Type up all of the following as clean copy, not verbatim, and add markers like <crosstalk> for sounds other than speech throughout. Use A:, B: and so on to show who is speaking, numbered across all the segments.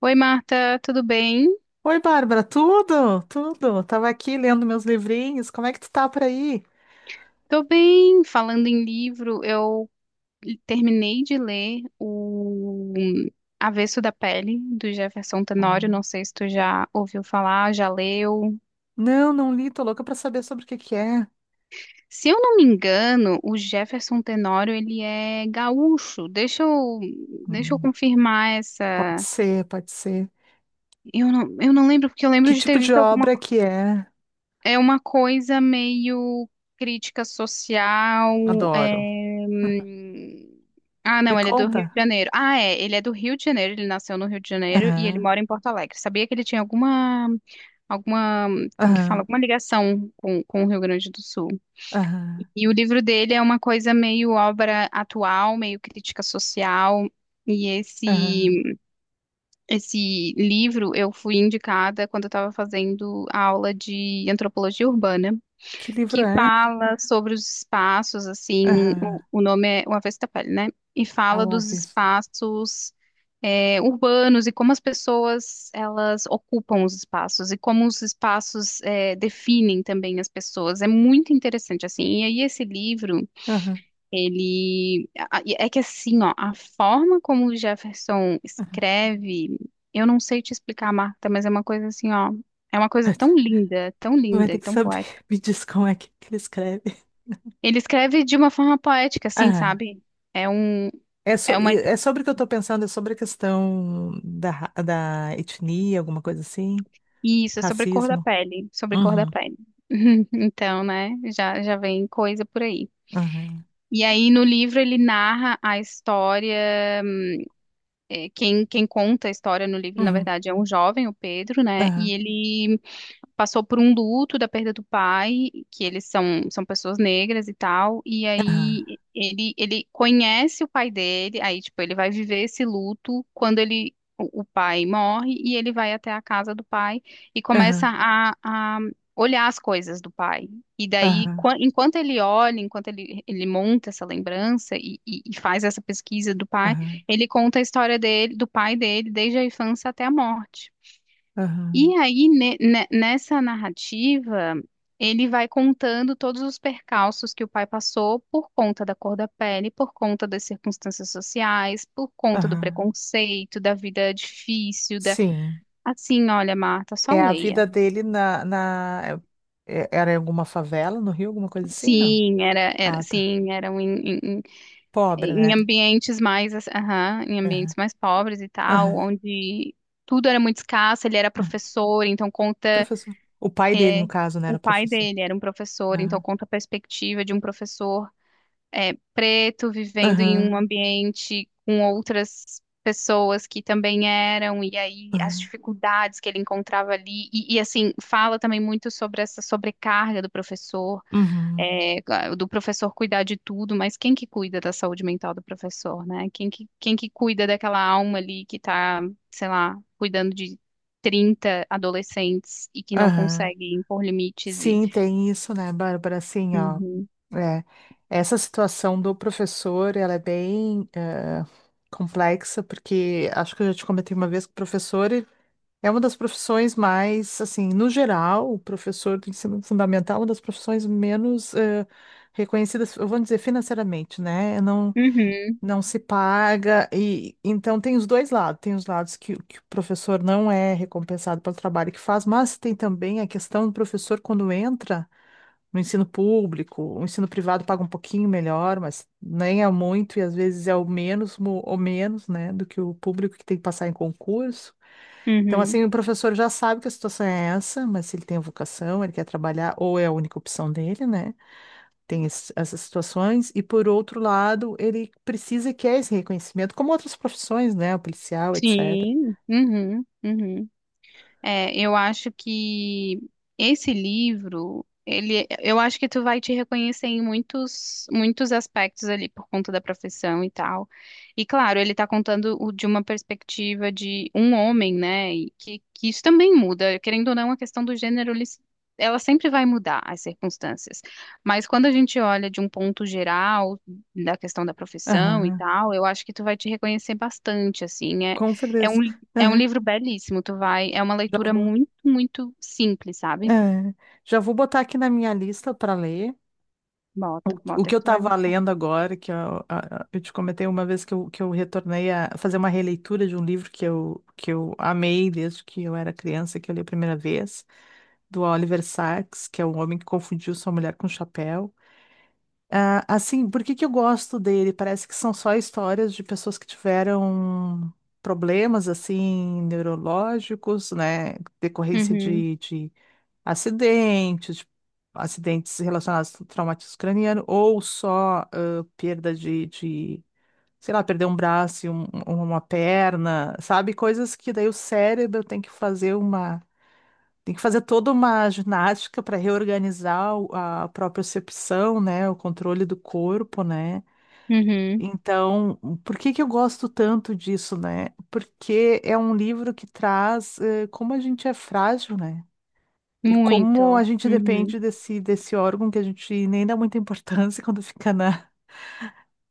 A: Oi, Marta, tudo bem?
B: Oi, Bárbara, tudo? Tudo. Tava aqui lendo meus livrinhos. Como é que tu tá por aí?
A: Tô bem. Falando em livro, eu terminei de ler o Avesso da Pele, do Jefferson Tenório.
B: Ah,
A: Não sei se tu já ouviu falar, já leu.
B: não, não li, tô louca pra saber sobre o que que é.
A: Se eu não me engano, o Jefferson Tenório, ele é gaúcho. Deixa eu
B: Hum,
A: confirmar
B: Pode
A: essa...
B: ser, pode ser.
A: Eu não lembro, porque eu lembro
B: Que
A: de ter
B: tipo de
A: visto alguma.
B: obra que é?
A: É uma coisa meio crítica social. é,
B: Adoro.
A: hum, Ah,
B: Me
A: não, ele é do Rio de
B: conta.
A: Janeiro. Ah, é, ele é do Rio de Janeiro, ele nasceu no Rio de Janeiro e ele
B: Aham,
A: mora em Porto Alegre. Sabia que ele tinha alguma, como que fala,
B: aham,
A: alguma ligação com o Rio Grande do Sul.
B: aham,
A: E o livro dele é uma coisa meio obra atual, meio crítica social. E
B: aham.
A: esse, esse livro eu fui indicada quando eu estava fazendo a aula de antropologia urbana
B: Que livro
A: que
B: é?
A: fala sobre os espaços, assim, o,
B: Aham.
A: o nome é O Avesso da Pele, né? E fala
B: Ao
A: dos
B: avesso.
A: espaços é, urbanos, e como as pessoas elas ocupam os espaços e como os espaços é, definem também as pessoas. É muito interessante, assim. E aí esse livro,
B: Aham,
A: ele... É que assim, ó, a forma como o Jefferson
B: aham.
A: escreve, eu não sei te explicar, Marta, mas é uma coisa assim, ó, é uma coisa
B: <laughs>
A: tão
B: Tu vai
A: linda
B: ter
A: e
B: que
A: tão
B: saber.
A: poética.
B: Me diz como é que ele escreve.
A: Ele escreve de uma forma poética, assim, sabe? É um,
B: É,
A: é uma,
B: é sobre o que eu estou pensando, é sobre a questão da etnia, alguma coisa assim?
A: isso, é sobre cor da
B: Racismo?
A: pele, sobre cor da
B: Uhum,
A: pele. <laughs> Então, né, já vem coisa por aí.
B: aham,
A: E aí, no livro, ele narra a história, quem conta a história no livro, na
B: uhum,
A: verdade, é um jovem, o Pedro, né, e
B: aham,
A: ele passou por um luto da perda do pai, que eles são pessoas negras e tal, e
B: aham,
A: aí ele conhece o pai dele, aí, tipo, ele vai viver esse luto quando ele, o pai morre, e ele vai até a casa do pai e começa
B: aham,
A: a olhar as coisas do pai. E daí,
B: aham,
A: enquanto ele olha, enquanto ele monta essa lembrança e faz essa pesquisa do pai,
B: aham,
A: ele conta a história dele, do pai dele, desde a infância até a morte.
B: aham,
A: E aí, nessa narrativa, ele vai contando todos os percalços que o pai passou por conta da cor da pele, por conta das circunstâncias sociais, por conta do
B: aham.
A: preconceito, da vida difícil, da...
B: Sim.
A: Assim, olha, Marta, só
B: É a
A: leia.
B: vida dele na... Era em alguma favela no Rio, alguma coisa assim? Não.
A: Sim, era, era,
B: Ah, tá.
A: sim, eram em, em, em-
B: Pobre,
A: em
B: né?
A: ambientes mais, assim, aham, em
B: Aham,
A: ambientes mais pobres e tal,
B: aham,
A: onde tudo era muito escasso, ele era
B: aham.
A: professor, então conta.
B: Professor. O pai dele,
A: É,
B: no caso, né, era
A: o pai
B: professor.
A: dele era um professor, então
B: Aham,
A: conta a perspectiva de um professor é, preto vivendo em
B: aham,
A: um ambiente com outras pessoas que também eram, e aí as
B: aham,
A: dificuldades que ele encontrava ali, assim, fala também muito sobre essa sobrecarga do professor,
B: uhum,
A: é, claro, do professor cuidar de tudo, mas quem que cuida da saúde mental do professor, né? Quem que cuida daquela alma ali que tá, sei lá, cuidando de 30 adolescentes e que não
B: aham.
A: consegue impor limites e...
B: Sim, tem isso, né, Bárbara? Assim, ó,
A: Uhum,
B: é, essa situação do professor, ela é bem complexa, porque acho que eu já te comentei uma vez que o professor ele é uma das profissões mais, assim, no geral, o professor do ensino fundamental é uma das profissões menos reconhecidas, eu vou dizer, financeiramente, né? Não,
A: uhum,
B: não se paga, e então tem os dois lados, tem os lados que o professor não é recompensado pelo trabalho que faz, mas tem também a questão do professor quando entra no ensino público. O ensino privado paga um pouquinho melhor, mas nem é muito e às vezes é o menos ou menos, né, do que o público que tem que passar em concurso. Então,
A: uhum.
B: assim, o professor já sabe que a situação é essa, mas se ele tem a vocação, ele quer trabalhar, ou é a única opção dele, né? Tem essas situações. E, por outro lado, ele precisa e quer esse reconhecimento, como outras profissões, né? O policial, etc.
A: Sim, uhum, uhum. É, eu acho que esse livro, ele, eu acho que tu vai te reconhecer em muitos, muitos aspectos ali por conta da profissão e tal. E claro, ele tá contando de uma perspectiva de um homem, né? E que isso também muda, querendo ou não, a questão do gênero, ela sempre vai mudar as circunstâncias. Mas quando a gente olha de um ponto geral da questão da profissão e
B: Aham,
A: tal, eu acho que tu vai te reconhecer bastante, assim. É,
B: com
A: é
B: certeza.
A: um é um
B: Aham.
A: livro belíssimo, tu vai, é uma
B: Já
A: leitura
B: vou.
A: muito, muito simples, sabe?
B: É, já vou botar aqui na minha lista para ler.
A: Bota,
B: O
A: bota
B: que eu
A: que tu vai
B: estava
A: gostar.
B: lendo agora, que eu, a- eu te comentei uma vez que eu retornei a fazer uma releitura de um livro que eu amei desde que eu era criança, que eu li a primeira vez, do Oliver Sacks, que é um homem que confundiu sua mulher com um chapéu. Ah, assim, por que que eu gosto dele? Parece que são só histórias de pessoas que tiveram problemas, assim, neurológicos, né, decorrência
A: Uhum,
B: de acidentes, acidentes relacionados ao traumatismo craniano, ou só perda de, sei lá, perder um braço, e uma perna, sabe? Coisas que daí o cérebro tem que fazer uma. Tem que fazer toda uma ginástica para reorganizar a propriocepção, né? O controle do corpo, né?
A: uhum,
B: Então, por que que eu gosto tanto disso, né? Porque é um livro que traz como a gente é frágil, né? E como a
A: muito,
B: gente
A: uhum,
B: depende desse órgão que a gente nem dá muita importância <laughs> quando fica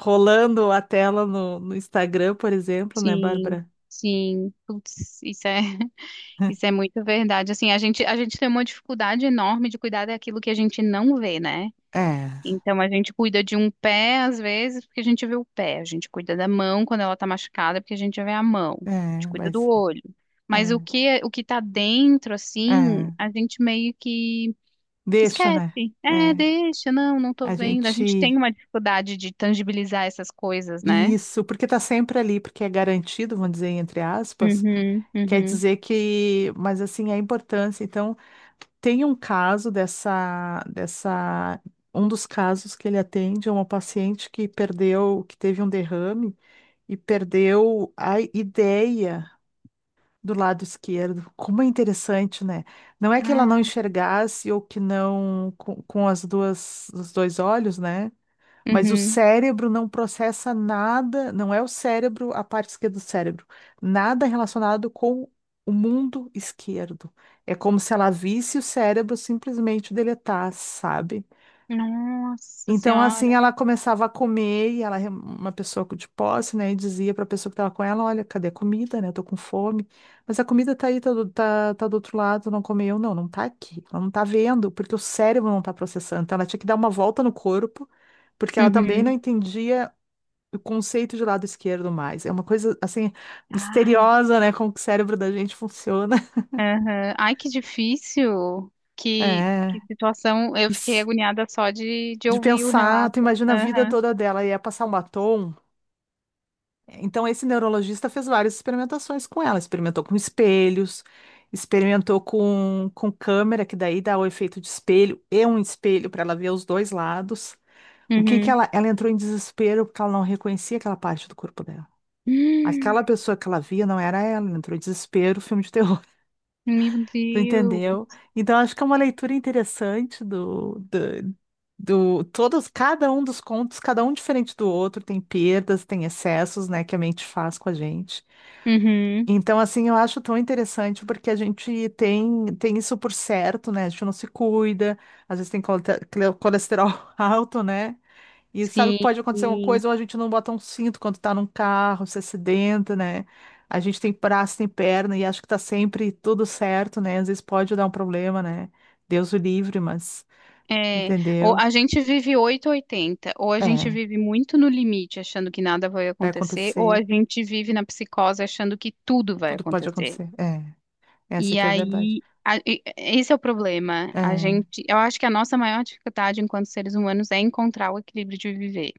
B: rolando a tela no Instagram, por exemplo, né,
A: sim,
B: Bárbara?
A: sim, putz, isso é, <laughs> isso é muito verdade, assim, a gente tem uma dificuldade enorme de cuidar daquilo que a gente não vê, né?
B: É,
A: Então a gente cuida de um pé às vezes porque a gente vê o pé, a gente cuida da mão quando ela tá machucada porque a gente vê a mão, a gente
B: é,
A: cuida do
B: mas
A: olho. Mas
B: é,
A: o que tá dentro assim,
B: é,
A: a gente meio que
B: deixa,
A: esquece.
B: né?
A: É,
B: É,
A: deixa, não, não tô
B: a
A: vendo. A gente tem
B: gente.
A: uma dificuldade de tangibilizar essas coisas, né?
B: Isso, porque tá sempre ali, porque é garantido, vamos dizer, entre aspas.
A: Uhum,
B: Quer
A: uhum.
B: dizer que, mas assim, a importância. Então, tem um caso um dos casos que ele atende é uma paciente que perdeu, que teve um derrame e perdeu a ideia do lado esquerdo. Como é interessante, né? Não é que ela não
A: Cara,
B: enxergasse ou que não com as duas, os dois olhos, né? Mas o
A: uhum.
B: cérebro não processa nada, não é o cérebro, a parte esquerda do cérebro, nada relacionado com o mundo esquerdo. É como se ela visse o cérebro simplesmente deletar, sabe?
A: Nossa
B: Então, assim,
A: senhora.
B: ela começava a comer e ela, é uma pessoa de posse, né, e dizia para a pessoa que estava com ela: Olha, cadê a comida, né? Eu tô com fome. Mas a comida tá aí, tá do outro lado, não comeu. Não, não tá aqui. Ela não tá vendo, porque o cérebro não tá processando. Então, ela tinha que dar uma volta no corpo, porque ela também não
A: Uhum.
B: entendia o conceito de lado esquerdo mais. É uma coisa, assim,
A: Ai,
B: misteriosa, né? Como que o cérebro da gente funciona. <laughs>
A: aham. Ai, que difícil. Que
B: É.
A: situação. Eu fiquei
B: Isso.
A: agoniada só de
B: De
A: ouvir o
B: pensar, tu
A: relato.
B: imagina a vida
A: Aham.
B: toda dela, e ia passar um batom. Então, esse neurologista fez várias experimentações com ela. Experimentou com espelhos, experimentou com câmera, que daí dá o efeito de espelho e um espelho para ela ver os dois lados. O que que
A: Uhum.
B: ela, entrou em desespero porque ela não reconhecia aquela parte do corpo dela.
A: <gasps>
B: Aquela pessoa que ela via não era ela, ela entrou em desespero, filme de terror. <laughs>
A: Meu
B: Tu
A: Deus.
B: entendeu? Então, acho que é uma leitura interessante do, todos, cada um dos contos, cada um diferente do outro, tem perdas, tem excessos, né, que a mente faz com a gente.
A: Uhum.
B: Então, assim, eu acho tão interessante porque a gente tem isso por certo, né? A gente não se cuida, às vezes tem colesterol <laughs> alto, né? E sabe que pode acontecer uma
A: Sim.
B: coisa, ou a gente não bota um cinto quando tá num carro, se acidenta, né? A gente tem braço, tem perna e acho que tá sempre tudo certo, né? Às vezes pode dar um problema, né? Deus o livre, mas,
A: É, ou
B: entendeu?
A: a gente vive oito ou oitenta, ou a gente
B: É,
A: vive muito no limite, achando que nada vai
B: vai
A: acontecer, ou a
B: acontecer,
A: gente vive na psicose achando que tudo vai
B: tudo pode
A: acontecer.
B: acontecer. É, essa
A: E
B: que é a verdade.
A: aí, esse é o problema. A
B: É,
A: gente, eu acho que a nossa maior dificuldade enquanto seres humanos é encontrar o equilíbrio de viver,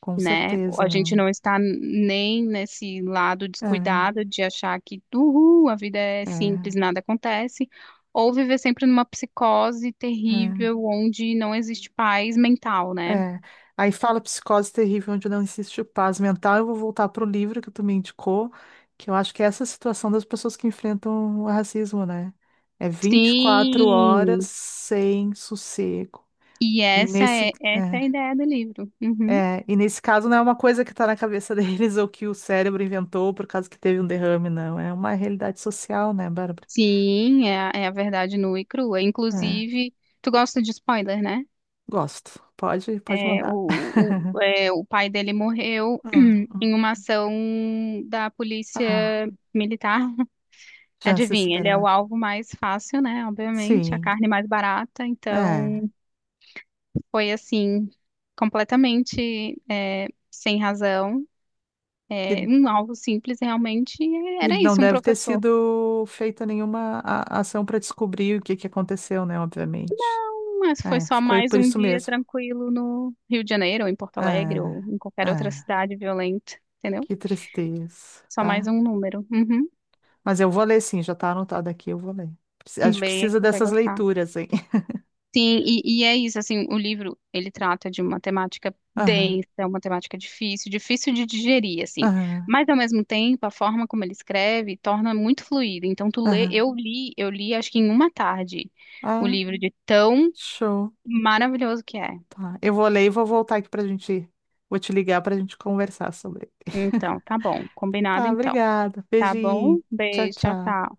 B: com
A: né?
B: certeza,
A: A gente
B: né?
A: não está nem nesse lado descuidado de achar que, uhul, a vida é
B: É,
A: simples,
B: é.
A: nada acontece, ou viver sempre numa psicose
B: É,
A: terrível onde não existe paz mental, né?
B: é. Aí fala psicose terrível, onde não existe paz mental. Eu vou voltar pro livro que tu me indicou, que eu acho que é essa situação das pessoas que enfrentam o racismo, né? É 24 horas
A: Sim!
B: sem sossego.
A: E
B: E
A: essa é,
B: nesse,
A: essa é
B: é,
A: a ideia do livro. Uhum.
B: e nesse caso não é uma coisa que tá na cabeça <laughs> deles ou que o cérebro inventou por causa que teve um derrame, não. É uma realidade social, né, Bárbara?
A: Sim, é é a verdade nua e crua.
B: É,
A: Inclusive, tu gosta de spoiler, né?
B: gosto. Pode, pode
A: É,
B: mandar. <laughs>
A: o pai dele morreu
B: Ah,
A: <clears throat> em uma ação da polícia
B: ah,
A: militar. <laughs>
B: já se
A: Adivinha, ele é o
B: esperar.
A: alvo mais fácil, né? Obviamente, a
B: Sim,
A: carne mais barata.
B: é.
A: Então, foi assim, completamente é, sem razão.
B: E,
A: É, um alvo simples, realmente, e
B: e
A: era
B: não
A: isso, um
B: deve ter
A: professor.
B: sido feita nenhuma ação para descobrir o que que aconteceu, né? Obviamente.
A: Mas foi
B: É,
A: só
B: ficou
A: mais
B: por
A: um
B: isso
A: dia
B: mesmo.
A: tranquilo no Rio de Janeiro, ou em Porto Alegre,
B: É,
A: ou em qualquer
B: é,
A: outra cidade violenta, entendeu?
B: que tristeza,
A: Só mais
B: tá?
A: um número. Uhum.
B: Mas eu vou ler sim, já tá anotado aqui, eu vou ler. A gente
A: Leia que
B: precisa
A: você vai
B: dessas
A: gostar.
B: leituras, hein? <laughs>
A: Sim, e é isso, assim, o livro, ele trata de uma temática
B: Aham,
A: densa, uma temática difícil, difícil de digerir, assim,
B: aham,
A: mas ao mesmo tempo, a forma como ele escreve torna muito fluido, então tu lê,
B: aham.
A: eu li acho que em uma tarde, o
B: Ah,
A: livro de tão
B: show.
A: maravilhoso que é.
B: Tá. Eu vou ler e vou voltar aqui pra gente. Vou te ligar pra gente conversar sobre.
A: Então,
B: <laughs>
A: tá bom, combinado
B: Tá,
A: então.
B: obrigada.
A: Tá bom?
B: Beijinho. Tchau,
A: Beijo, tchau,
B: tchau.
A: tchau.